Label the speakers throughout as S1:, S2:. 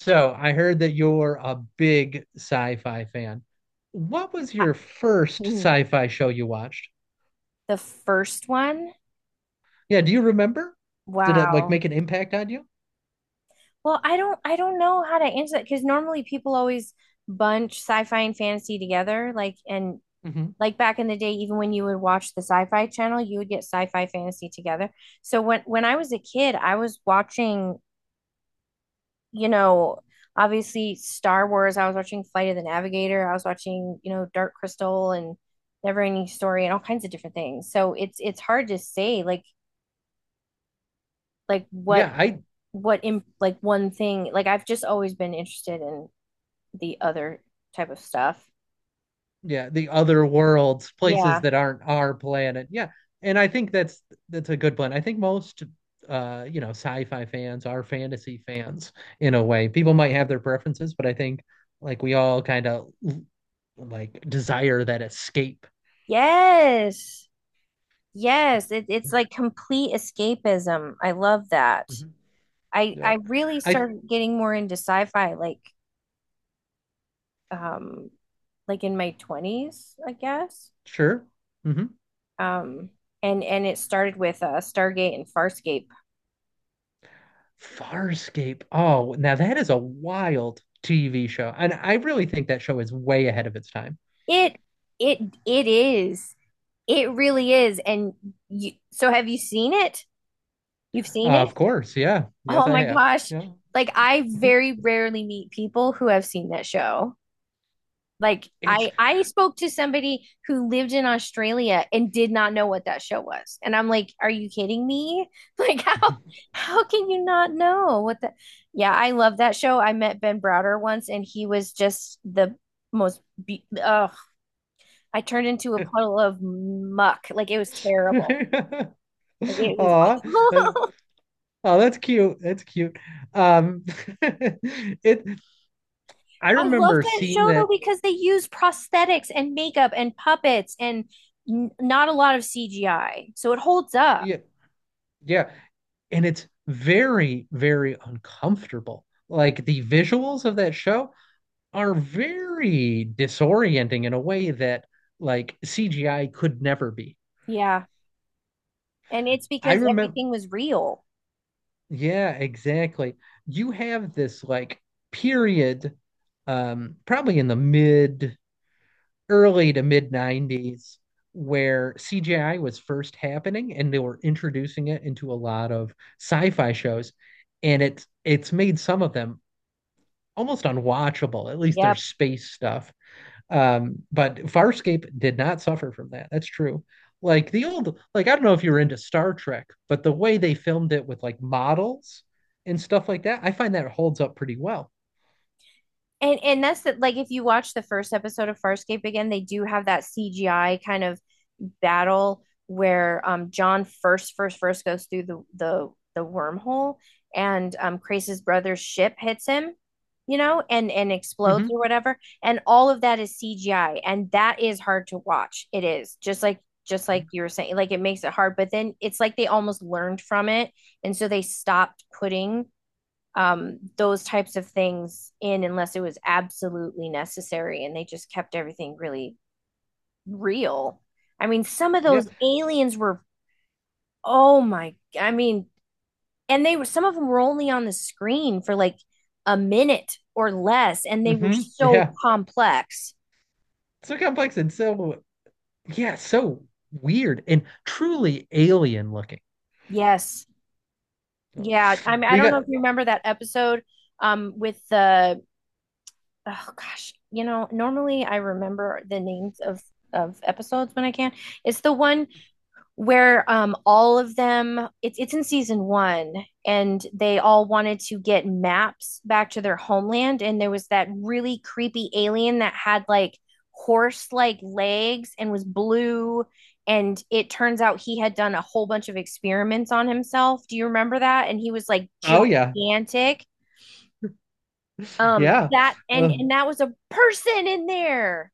S1: So I heard that you're a big sci-fi fan. What was
S2: I-
S1: your first
S2: mm,
S1: sci-fi show you watched?
S2: the first one?
S1: Yeah, do you remember? Did it like
S2: Wow.
S1: make an impact on you?
S2: Well, I don't know how to answer that because normally people always bunch sci-fi and fantasy together.
S1: hmm
S2: Like back in the day, even when you would watch the sci-fi channel, you would get sci-fi fantasy together. So when I was a kid, I was watching, you know, obviously Star Wars. I was watching Flight of the Navigator. I was watching, Dark Crystal and Never Ending Story and all kinds of different things. So it's hard to say like
S1: Yeah, I
S2: what in like one thing like I've just always been interested in the other type of stuff.
S1: yeah, the other worlds, places
S2: Yeah.
S1: that aren't our planet. Yeah. And I think that's a good plan. I think most sci-fi fans are fantasy fans in a way. People might have their preferences, but I think like we all kind of like desire that escape.
S2: Yes. Yes, it's like complete escapism. I love that.
S1: Mhm.
S2: I
S1: Yeah.
S2: I really
S1: I.
S2: started getting more into sci-fi um like in my 20s, I guess.
S1: Sure. hmm
S2: Um and it started with Stargate and Farscape.
S1: Farscape. Oh, now that is a wild TV show. And I really think that show is way ahead of its time.
S2: It it it is. It really is. And so have you seen it? You've seen it?
S1: Of course. Yeah. Yes,
S2: Oh
S1: I
S2: my
S1: have.
S2: gosh.
S1: Yeah.
S2: Like I very rarely meet people who have seen that show. Like
S1: It's.
S2: I spoke to somebody who lived in Australia and did not know what that show was. And I'm like, are you kidding me? Like how how can you not know what the— yeah, I love that show. I met Ben Browder once and he was just the most I turned into a puddle of muck. Like it was terrible.
S1: Aw,
S2: Like it was
S1: that- oh, that's cute. That's cute. Um, it. I
S2: I love
S1: remember
S2: that
S1: seeing
S2: show though
S1: that.
S2: because they use prosthetics and makeup and puppets and n not a lot of CGI. So it holds up.
S1: Yeah. Yeah. And it's very, very uncomfortable. Like the visuals of that show are very disorienting in a way that like CGI could never be.
S2: Yeah. And it's
S1: I
S2: because
S1: remember,
S2: everything was real.
S1: yeah, exactly. You have this like period, probably in the mid early to mid 90s, where CGI was first happening and they were introducing it into a lot of sci-fi shows, and it's made some of them almost unwatchable, at least their
S2: Yeah.
S1: space stuff. But Farscape did not suffer from that. That's true. Like the old, like I don't know if you were into Star Trek, but the way they filmed it with like models and stuff like that, I find that holds up pretty well.
S2: And like if you watch the first episode of Farscape again, they do have that CGI kind of battle where John first goes through the wormhole and Crace's brother's ship hits him, you know, and explodes or
S1: hmm
S2: whatever. And all of that is CGI and that is hard to watch. It is. Just like you were saying, like it makes it hard, but then it's like they almost learned from it and so they stopped putting those types of things in unless it was absolutely necessary. And they just kept everything really real. I mean, some of
S1: Yeah.
S2: those aliens were, oh my, I mean, and they were, some of them were only on the screen for like a minute or less, and they were so
S1: Yeah.
S2: complex.
S1: So complex and so yeah, so weird and truly alien looking.
S2: Yes. Yeah. I mean, I
S1: We
S2: don't know
S1: got
S2: if you remember that episode um, with the, oh gosh, you know, normally I remember the names of episodes when I can. It's the one where all of them— it's in season 1 and they all wanted to get maps back to their homeland and there was that really creepy alien that had like horse like legs and was blue and it turns out he had done a whole bunch of experiments on himself. Do you remember that? And he was like
S1: oh yeah,
S2: gigantic.
S1: yeah.
S2: That and
S1: Uh,
S2: and that was a person in there.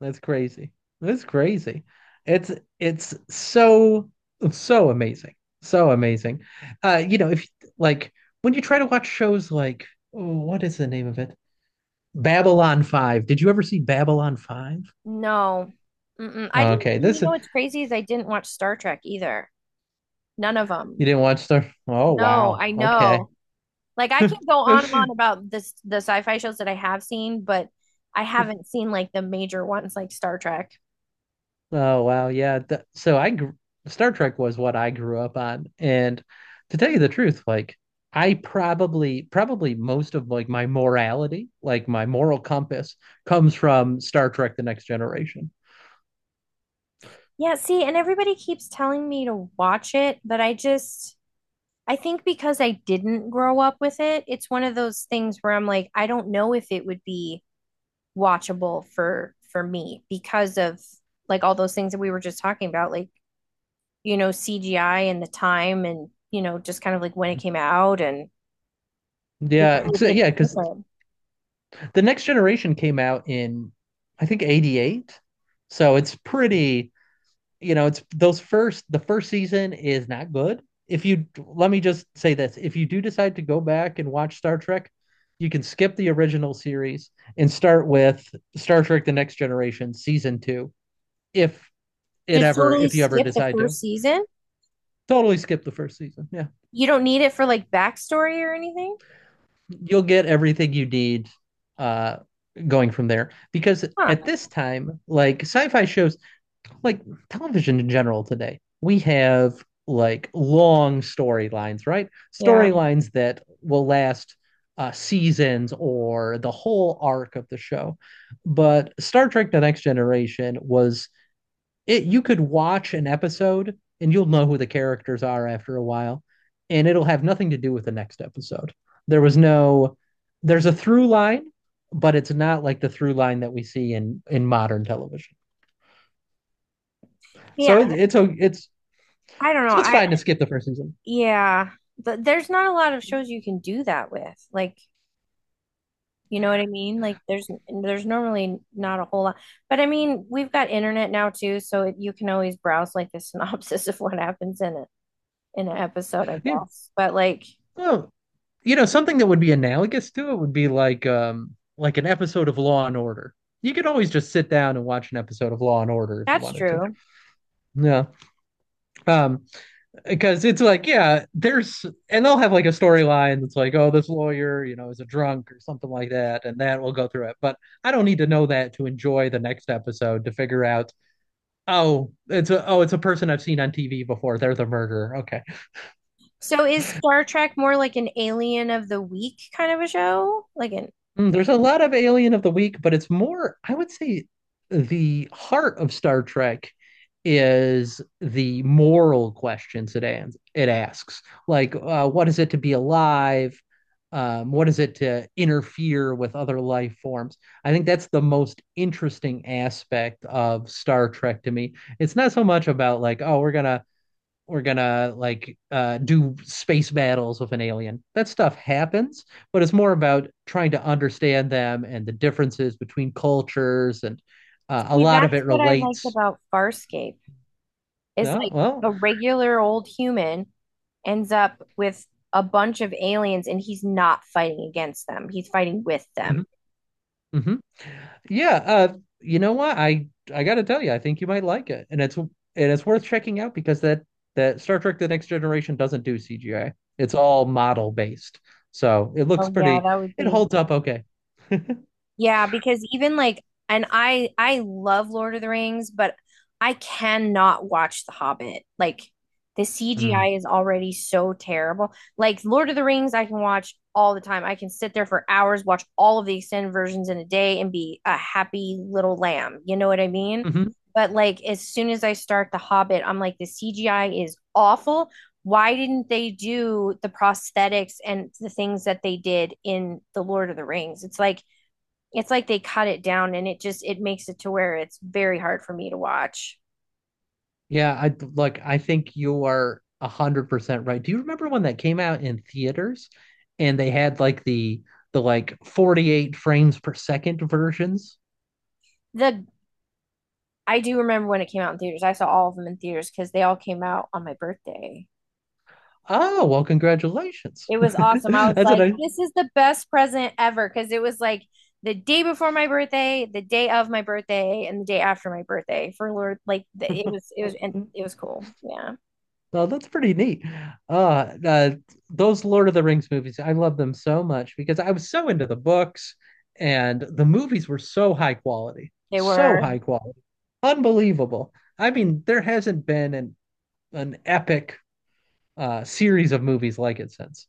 S1: That's crazy. That's crazy. It's it's so so amazing. So amazing. If like when you try to watch shows like oh, what is the name of it? Babylon 5. Did you ever see Babylon 5?
S2: No. Mm-mm. I didn't—
S1: Okay,
S2: you
S1: this
S2: know what's crazy is I didn't watch Star Trek either. None of them.
S1: you didn't watch the. Oh
S2: No,
S1: wow.
S2: I
S1: Okay.
S2: know. Like I can go on and on about this the sci-fi shows that I have seen, but I haven't seen like the major ones like Star Trek.
S1: Oh wow, yeah. Th so I gr Star Trek was what I grew up on, and to tell you the truth, like I probably most of like my morality, like my moral compass, comes from Star Trek: The Next Generation.
S2: Yeah, see, and everybody keeps telling me to watch it, but I think because I didn't grow up with it, it's one of those things where I'm like, I don't know if it would be watchable for me because of like all those things that we were just talking about, like, you know, CGI and the time and, you know, just kind of like when it came out and you
S1: Yeah,
S2: know,
S1: it's
S2: it's
S1: yeah, because
S2: different.
S1: the next generation came out in I think 88. So it's pretty, you know, it's those first the first season is not good. If you let me just say this, if you do decide to go back and watch Star Trek, you can skip the original series and start with Star Trek The Next Generation season 2 if it
S2: Just
S1: ever
S2: totally
S1: if you ever
S2: skip the
S1: decide to.
S2: first season?
S1: Totally skip the first season. Yeah.
S2: You don't need it for like backstory or anything?
S1: You'll get everything you need uh going from there, because at
S2: Huh.
S1: this time like sci-fi shows like television in general today, we have like long storylines, right?
S2: Yeah.
S1: Storylines that will last seasons or the whole arc of the show. But Star Trek The Next Generation was, it, you could watch an episode and you'll know who the characters are after a while, and it'll have nothing to do with the next episode. There was no, there's a through line, but it's not like the through line that we see in modern television. So
S2: Yeah.
S1: it's,
S2: I don't know.
S1: so it's
S2: I,
S1: fine to skip the first season,
S2: yeah. There's not a lot of shows you can do that with. Like, you know what I mean? Like there's normally not a whole lot. But I mean, we've got internet now too, so you can always browse like the synopsis of what happens in it in an episode, I
S1: yeah.
S2: guess. But like
S1: Well, you know, something that would be analogous to it would be like an episode of Law and Order. You could always just sit down and watch an episode of Law and Order if you
S2: That's
S1: wanted to,
S2: true.
S1: yeah. um because it's like, yeah, there's, and they'll have like a storyline that's like, oh, this lawyer, you know, is a drunk or something like that, and that will go through it, but I don't need to know that to enjoy the next episode, to figure out, oh, it's a, oh, it's a person I've seen on TV before, they're the murderer, okay.
S2: So is Star Trek more like an alien of the week kind of a show? Like an—
S1: There's a lot of Alien of the Week, but it's more, I would say, the heart of Star Trek is the moral questions it asks. Like, what is it to be alive? What is it to interfere with other life forms? I think that's the most interesting aspect of Star Trek to me. It's not so much about like, oh, we're gonna like do space battles with an alien. That stuff happens, but it's more about trying to understand them and the differences between cultures, and a
S2: see,
S1: lot of
S2: that's
S1: it
S2: what I liked
S1: relates.
S2: about Farscape is
S1: Oh,
S2: like
S1: well,
S2: a regular old human ends up with a bunch of aliens and he's not fighting against them. He's fighting with
S1: hmm
S2: them.
S1: hmm yeah, you know what? I gotta tell you, I think you might like it, and it's worth checking out because that Star Trek: The Next Generation doesn't do CGI. It's all model based, so it looks
S2: Oh yeah,
S1: pretty.
S2: that would
S1: It
S2: be
S1: holds up okay.
S2: Yeah, because even like and I love Lord of the Rings, but I cannot watch The Hobbit. Like the
S1: Mm.
S2: CGI is already so terrible. Like Lord of the Rings I can watch all the time. I can sit there for hours, watch all of the extended versions in a day and be a happy little lamb. You know what I mean?
S1: Mhm.
S2: But like as soon as I start The Hobbit, I'm like the CGI is awful. Why didn't they do the prosthetics and the things that they did in The Lord of the Rings? It's like they cut it down and it makes it to where it's very hard for me to watch.
S1: Yeah, I like, I think you are 100% right. Do you remember when that came out in theaters and they had like the like 48 frames per second versions?
S2: The I do remember when it came out in theaters. I saw all of them in theaters because they all came out on my birthday.
S1: Oh, well, congratulations.
S2: It was awesome. I was
S1: That's what
S2: like,
S1: I.
S2: this is the best present ever because it was like the day before my birthday, the day of my birthday, and the day after my birthday for Lord. Like the, it was, and it was cool. Yeah,
S1: Well, that's pretty neat. Uh, uh those Lord of the Rings movies, I love them so much because I was so into the books, and the movies were so high quality.
S2: they
S1: So
S2: were.
S1: high quality. Unbelievable. I mean, there hasn't been an epic series of movies like it since.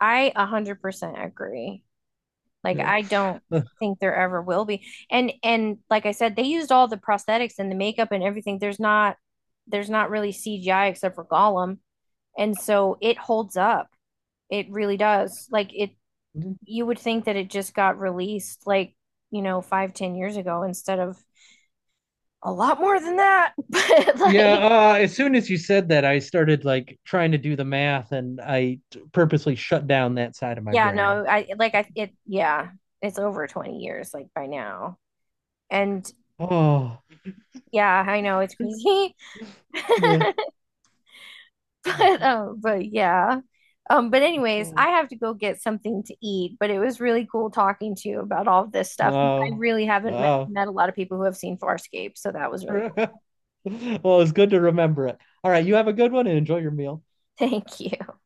S2: I 100% agree. Like
S1: Yeah.
S2: I don't think there ever will be. And like I said, they used all the prosthetics and the makeup and everything. There's not really CGI except for Gollum. And so it holds up. It really does. Like it you would think that it just got released like, you know, five, 10 years ago instead of a lot more than that. But like
S1: Yeah, uh, as soon as you said that, I started like trying to do the math and I purposely shut down that side of my
S2: Yeah,
S1: brain.
S2: no, I like I it yeah, it's over 20 years like by now. And
S1: Oh.
S2: yeah, I know it's crazy.
S1: No.
S2: But Yeah. But Anyways, I have to go get something to eat, but it was really cool talking to you about all of this stuff.
S1: Uh,
S2: I really haven't
S1: uh.
S2: met a lot of people who have seen Farscape, so that was really cool.
S1: Well, it's good to remember it. All right, you have a good one and enjoy your meal.
S2: Thank you.